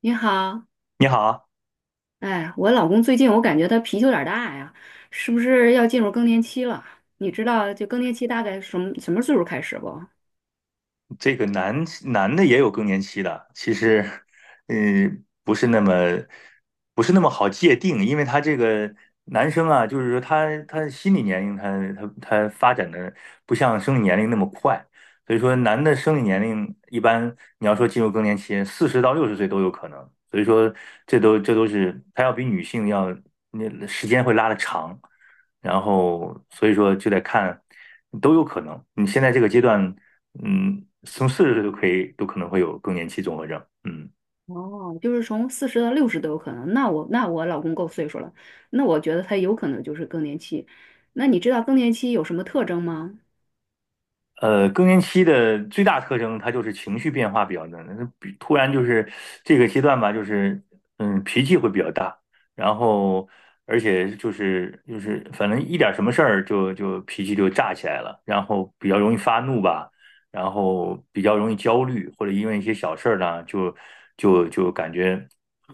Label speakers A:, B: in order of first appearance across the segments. A: 你好，
B: 你好，
A: 哎，我老公最近我感觉他脾气有点儿大呀，是不是要进入更年期了？你知道就更年期大概什么什么岁数开始不？
B: 这个男男的也有更年期的，其实，嗯、不是那么不是那么好界定，因为他这个男生啊，就是说他心理年龄他发展的不像生理年龄那么快，所以说男的生理年龄一般你要说进入更年期，四十到六十岁都有可能，所以说这都是他要比女性要那时间会拉的长。然后所以说就得看，都有可能。你现在这个阶段，从四十岁都可以，都可能会有更年期综合症。嗯，
A: 哦，就是从40到60都有可能。那我老公够岁数了，那我觉得他有可能就是更年期。那你知道更年期有什么特征吗？
B: 更年期的最大特征，它就是情绪变化比较大，那比突然就是这个阶段吧，就是脾气会比较大，然后而且就是反正一点什么事儿就脾气就炸起来了，然后比较容易发怒吧，然后比较容易焦虑，或者因为一些小事儿呢，就感觉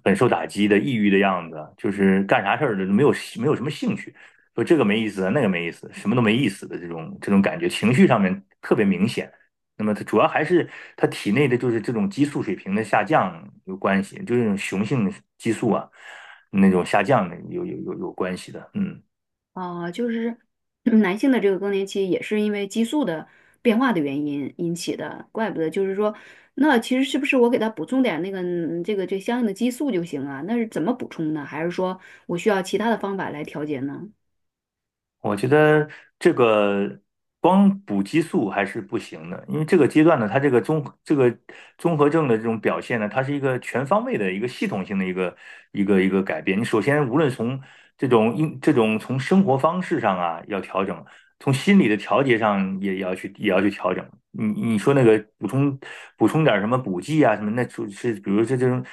B: 很受打击的抑郁的样子，就是干啥事儿都没有什么兴趣。说这个没意思，那个没意思，什么都没意思的这种感觉，情绪上面特别明显。那么它主要还是它体内的就是这种激素水平的下降有关系，就是那种雄性激素啊那种下降的有关系的。嗯。
A: 啊，就是男性的这个更年期也是因为激素的变化的原因引起的，怪不得就是说，那其实是不是我给他补充点那个这相应的激素就行啊？那是怎么补充呢？还是说我需要其他的方法来调节呢？
B: 我觉得这个光补激素还是不行的，因为这个阶段呢，它这个综合症的这种表现呢，它是一个全方位的一个系统性的一个改变。你首先无论从这种从生活方式上啊要调整，从心理的调节上也要去调整。你说那个补充点儿什么补剂啊什么，那就是比如这种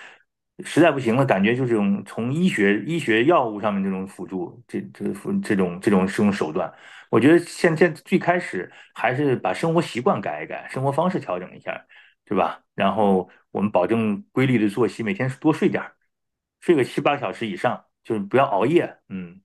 B: 实在不行了，感觉就这种从医学药物上面这种辅助，这这辅这种这种这种手段，我觉得现在最开始还是把生活习惯改一改，生活方式调整一下，对吧？然后我们保证规律的作息，每天多睡点儿，睡个七八个小时以上，就是不要熬夜。嗯，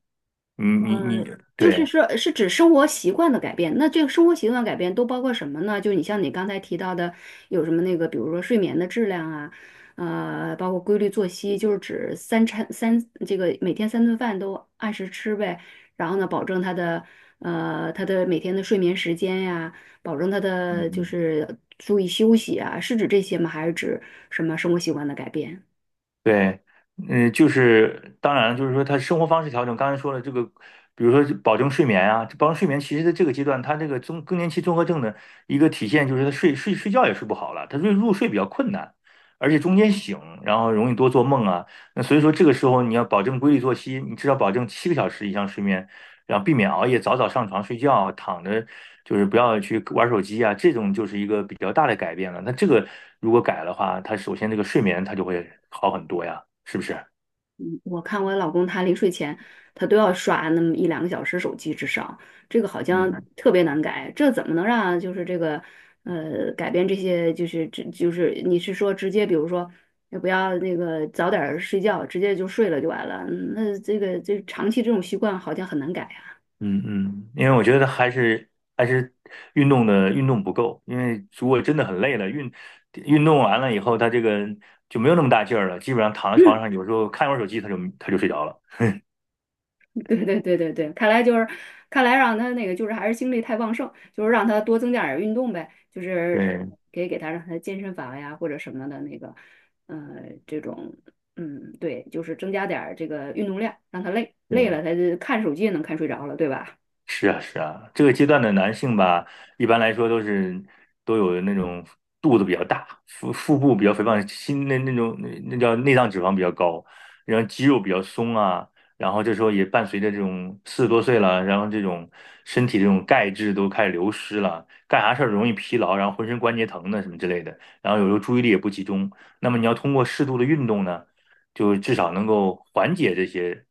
B: 你你你
A: 就是
B: 对。
A: 说，是指生活习惯的改变。那这个生活习惯改变都包括什么呢？就你像你刚才提到的，有什么那个，比如说睡眠的质量啊，包括规律作息，就是指三餐三这个每天三顿饭都按时吃呗。然后呢，保证他的每天的睡眠时间呀，保证他的就
B: 嗯。
A: 是注意休息啊，是指这些吗？还是指什么生活习惯的改变？
B: 对。嗯，就是当然了，就是说他生活方式调整，刚才说了这个，比如说保证睡眠啊，这保证睡眠，其实在这个阶段，他这个更年期综合症的一个体现就是他睡觉也睡不好了，他入睡比较困难，而且中间醒，然后容易多做梦啊。那所以说这个时候你要保证规律作息，你至少保证七个小时以上睡眠，然后避免熬夜，早早上床睡觉，躺着就是不要去玩手机啊，这种就是一个比较大的改变了。那这个如果改的话，它首先这个睡眠它就会好很多呀，是不是？
A: 嗯我看我老公他临睡前，他都要刷那么一两个小时手机至少，这个好像
B: 嗯
A: 特别难改，这怎么能让就是这个改变这些就是这就是你是说直接比如说也不要那个早点儿睡觉，直接就睡了就完了，嗯那这个这长期这种习惯好像很难改。
B: 嗯嗯。因为我觉得还是运动不够，因为如果真的很累了，运动完了以后，他这个就没有那么大劲儿了，基本上躺在床上，有时候看会儿手机，他就睡着了。
A: 对对对对对，看来就是，看来让他那个就是还是精力太旺盛，就是让他多增加点儿运动呗，就是
B: 对，
A: 可以给他让他健身房呀或者什么的那个，呃，这种，嗯，对，就是增加点儿这个运动量，让他累累
B: 对。
A: 了他就看手机也能看睡着了，对吧？
B: 是啊，是啊，这个阶段的男性吧，一般来说都有那种肚子比较大，腹部比较肥胖，心那那种那那叫内脏脂肪比较高，然后肌肉比较松啊，然后这时候也伴随着这种四十多岁了，然后这种身体这种钙质都开始流失了，干啥事儿容易疲劳，然后浑身关节疼的什么之类的，然后有时候注意力也不集中。那么你要通过适度的运动呢？就至少能够缓解这些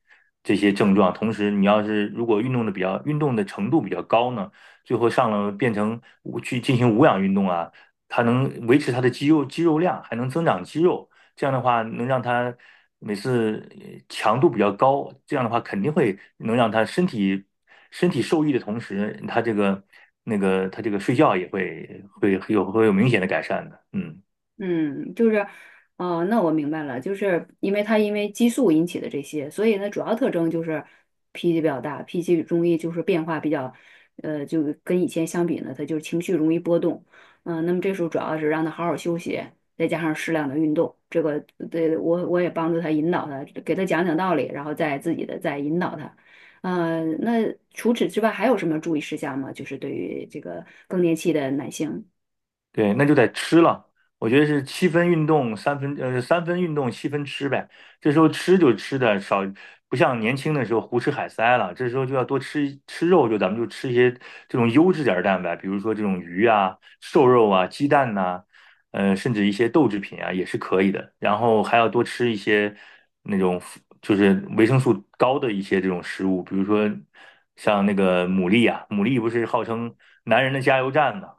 B: 这些症状。同时，你要是如果运动的程度比较高呢，最后上了变成去进行无氧运动啊，它能维持它的肌肉量，还能增长肌肉。这样的话，能让它每次强度比较高，这样的话肯定会能让他身体受益的同时，他这个睡觉也会有明显的改善的。嗯。
A: 嗯，就是，哦，那我明白了，就是因为他因为激素引起的这些，所以呢，主要特征就是脾气比较大，脾气容易就是变化比较，就跟以前相比呢，他就是情绪容易波动，嗯、那么这时候主要是让他好好休息，再加上适量的运动，这个对我也帮助他引导他，给他讲讲道理，然后再自己的再引导他，那除此之外还有什么注意事项吗？就是对于这个更年期的男性。
B: 对，那就得吃了。我觉得是七分运动，三分运动，七分吃呗。这时候吃就吃的少，不像年轻的时候胡吃海塞了。这时候就要多吃吃肉，就咱们就吃一些这种优质点儿的蛋白，比如说这种鱼啊、瘦肉啊、鸡蛋呐、甚至一些豆制品啊也是可以的。然后还要多吃一些那种就是维生素高的一些这种食物，比如说像那个牡蛎啊，牡蛎不是号称男人的加油站嘛？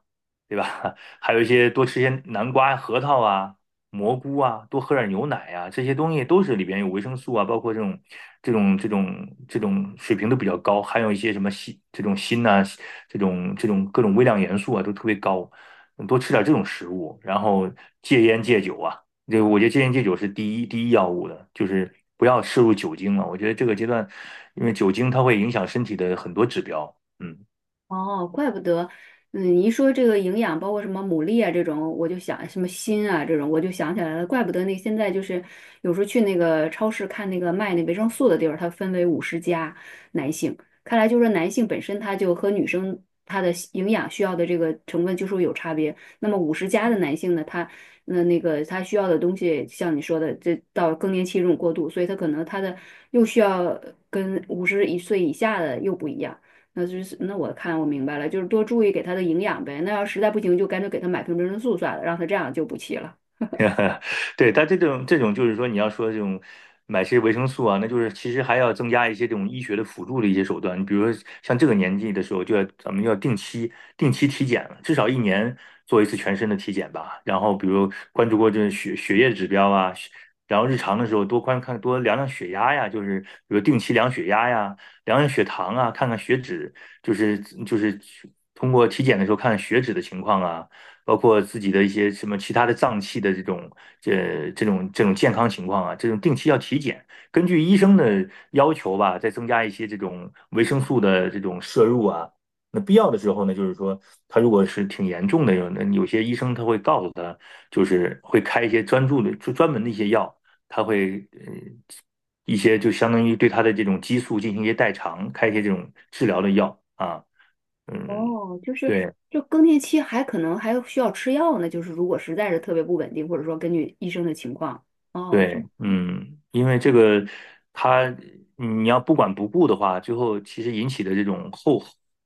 B: 对吧？还有一些多吃些南瓜、核桃啊、蘑菇啊，多喝点牛奶啊，这些东西都是里边有维生素啊，包括这种水平都比较高，含有一些什么这种锌呐、这种这种各种微量元素啊都特别高，多吃点这种食物，然后戒烟戒酒啊，这个我觉得戒烟戒酒是第一要务的，就是不要摄入酒精了。我觉得这个阶段，因为酒精它会影响身体的很多指标。嗯。
A: 哦，怪不得，嗯，你一说这个营养，包括什么牡蛎啊这种，我就想什么锌啊这种，我就想起来了，怪不得那现在就是有时候去那个超市看那个卖那维生素的地儿，它分为五十加男性，看来就是男性本身他就和女生他的营养需要的这个成分就是有差别。那么五十加的男性呢，他那那个他需要的东西，像你说的，这到更年期这种过渡，所以他可能他的又需要跟51岁以下的又不一样。那就是那我看我明白了，就是多注意给他的营养呗。那要实在不行，就干脆给他买瓶维生素算了，让他这样就补气了。
B: 对，它这种就是说，你要说这种买些维生素啊，那就是其实还要增加一些这种医学的辅助的一些手段。你比如说像这个年纪的时候，就要咱们要定期体检了，至少一年做一次全身的体检吧。然后比如关注过这血液指标啊，然后日常的时候多观看多量量血压呀，就是比如定期量血压呀，量量血糖啊，看看血脂，就是就是通过体检的时候看看血脂的情况啊。包括自己的一些什么其他的脏器的这种健康情况啊，这种定期要体检，根据医生的要求吧，再增加一些这种维生素的这种摄入啊。那必要的时候呢，就是说他如果是挺严重的，有些医生他会告诉他，就是会开一些专门的一些药，他会呃一些就相当于对他的这种激素进行一些代偿，开一些这种治疗的药啊。嗯。
A: 哦，就是
B: 对，
A: 就更年期还可能还需要吃药呢，就是如果实在是特别不稳定，或者说根据医生的情况。哦，这
B: 对。嗯，因为这个，它你要不管不顾的话，最后其实引起的这种后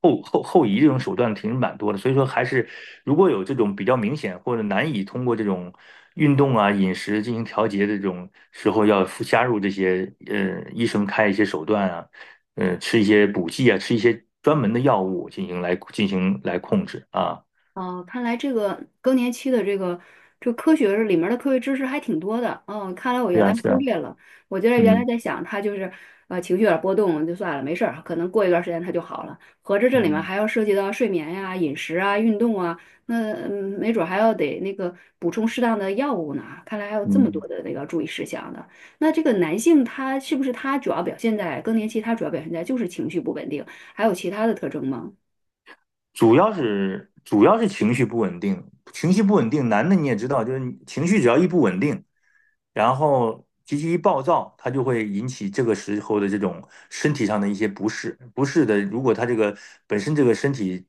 B: 后后后移这种手段其实蛮多的。所以说，还是如果有这种比较明显或者难以通过这种运动啊、饮食进行调节的这种时候，要附加入这些医生开一些手段啊，吃一些补剂啊，吃一些专门的药物进行来控制啊。
A: 哦，看来这个更年期的这个科学里面的科学知识还挺多的。嗯，看来我
B: 是
A: 原来
B: 啊，是
A: 忽
B: 啊。
A: 略了。我觉得原来
B: 嗯
A: 在想他就是情绪有点波动就算了，没事儿，可能过一段时间他就好了。合着这里面
B: 嗯
A: 还要涉及到睡眠呀、饮食啊、运动啊，那嗯没准儿还要得那个补充适当的药物呢。看来还有这么
B: 嗯。
A: 多的那个注意事项的。那这个男性他是不是他主要表现在更年期？他主要表现在就是情绪不稳定，还有其他的特征吗？
B: 主要是情绪不稳定，情绪不稳定，男的你也知道，就是你情绪只要一不稳定，然后脾气一暴躁，他就会引起这个时候的这种身体上的一些不适的，如果他这个本身这个身体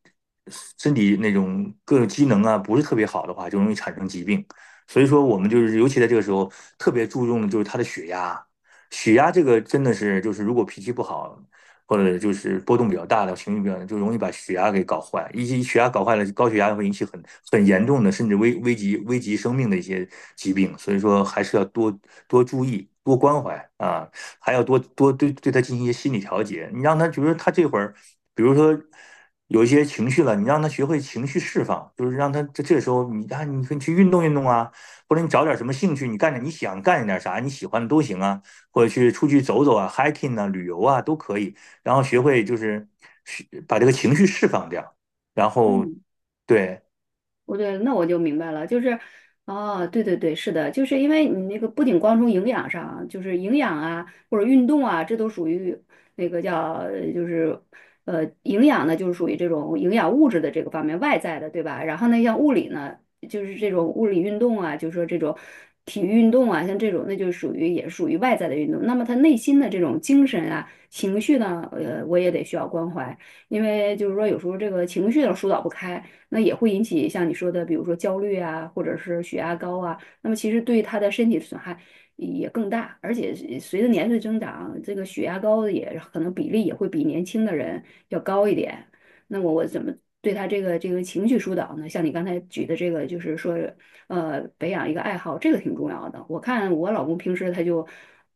B: 身体那种各种机能啊不是特别好的话，就容易产生疾病。所以说，我们就是尤其在这个时候特别注重的就是他的血压，血压这个真的是就是如果脾气不好，或者就是波动比较大的情绪比较大，就容易把血压给搞坏。一些血压搞坏了，高血压会引起很严重的，甚至危及生命的一些疾病。所以说，还是要多多注意，多关怀啊，还要多多对他进行一些心理调节。你让他觉得他这会儿，比如说，有一些情绪了，你让他学会情绪释放，就是让他这时候你啊，你可以去运动运动啊，或者你找点什么兴趣，你想干点啥，你喜欢的都行啊，或者去出去走走啊，hiking 啊，旅游啊都可以。然后学会就是把这个情绪释放掉。然后
A: 嗯。
B: 对。
A: 我对，那我就明白了，就是，哦，对对对，是的，就是因为你那个不仅光从营养上啊就是营养啊或者运动啊，这都属于那个叫呃就是营养呢，就是属于这种营养物质的这个方面外在的，对吧？然后呢，像物理呢，就是这种物理运动啊，就是说这种体育运动啊，像这种那就属于也属于外在的运动。那么他内心的这种精神啊、情绪呢，我也得需要关怀，因为就是说有时候这个情绪呢疏导不开。那也会引起像你说的，比如说焦虑啊，或者是血压高啊，那么其实对他的身体损害也更大，而且随着年岁增长，这个血压高的也可能比例也会比年轻的人要高一点。那么我怎么对他这个情绪疏导呢？像你刚才举的这个，就是说，培养一个爱好，这个挺重要的。我看我老公平时他就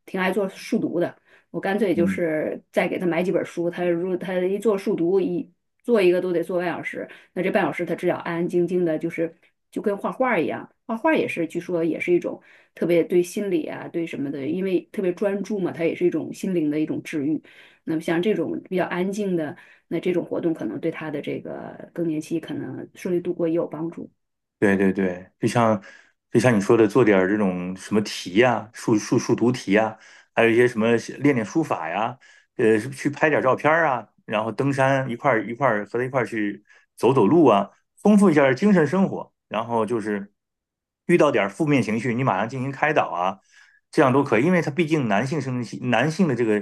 A: 挺爱做数独的，我干脆就是再给他买几本书，他如他一做数独一做一个都得做半小时，那这半小时他只要安安静静的，就是就跟画画一样，画画也是，据说也是一种特别对心理啊，对什么的，因为特别专注嘛，它也是一种心灵的一种治愈。那么像这种比较安静的，那这种活动可能对他的这个更年期可能顺利度过也有帮助。
B: 对，对，对，就像你说的，做点儿这种什么题呀、数独题呀、还有一些什么练练书法呀，去拍点儿照片儿啊，然后登山一块儿一块儿和他一块儿去走走路啊，丰富一下儿精神生活。然后就是遇到点儿负面情绪，你马上进行开导啊，这样都可以，因为他毕竟男性生理期，男性的这个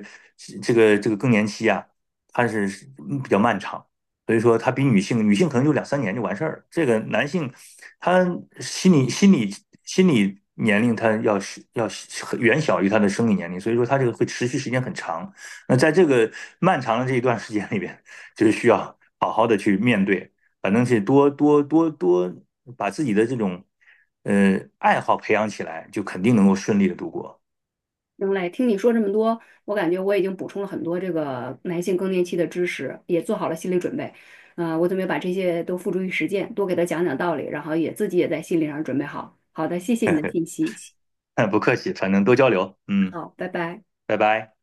B: 这个这个更年期啊，它是比较漫长。所以说他比女性，女性可能就两三年就完事儿了。这个男性，他心理心理心理年龄，他要远小于他的生理年龄，所以说他这个会持续时间很长。那在这个漫长的这一段时间里边，就是需要好好的去面对，反正是多多把自己的这种爱好培养起来，就肯定能够顺利的度过。
A: 行嘞，听你说这么多，我感觉我已经补充了很多这个男性更年期的知识，也做好了心理准备。我准备把这些都付诸于实践，多给他讲讲道理，然后也自己也在心理上准备好。好的，谢谢你的信息。
B: 不客气，反正多交流。嗯。
A: 好，拜拜。
B: 拜拜。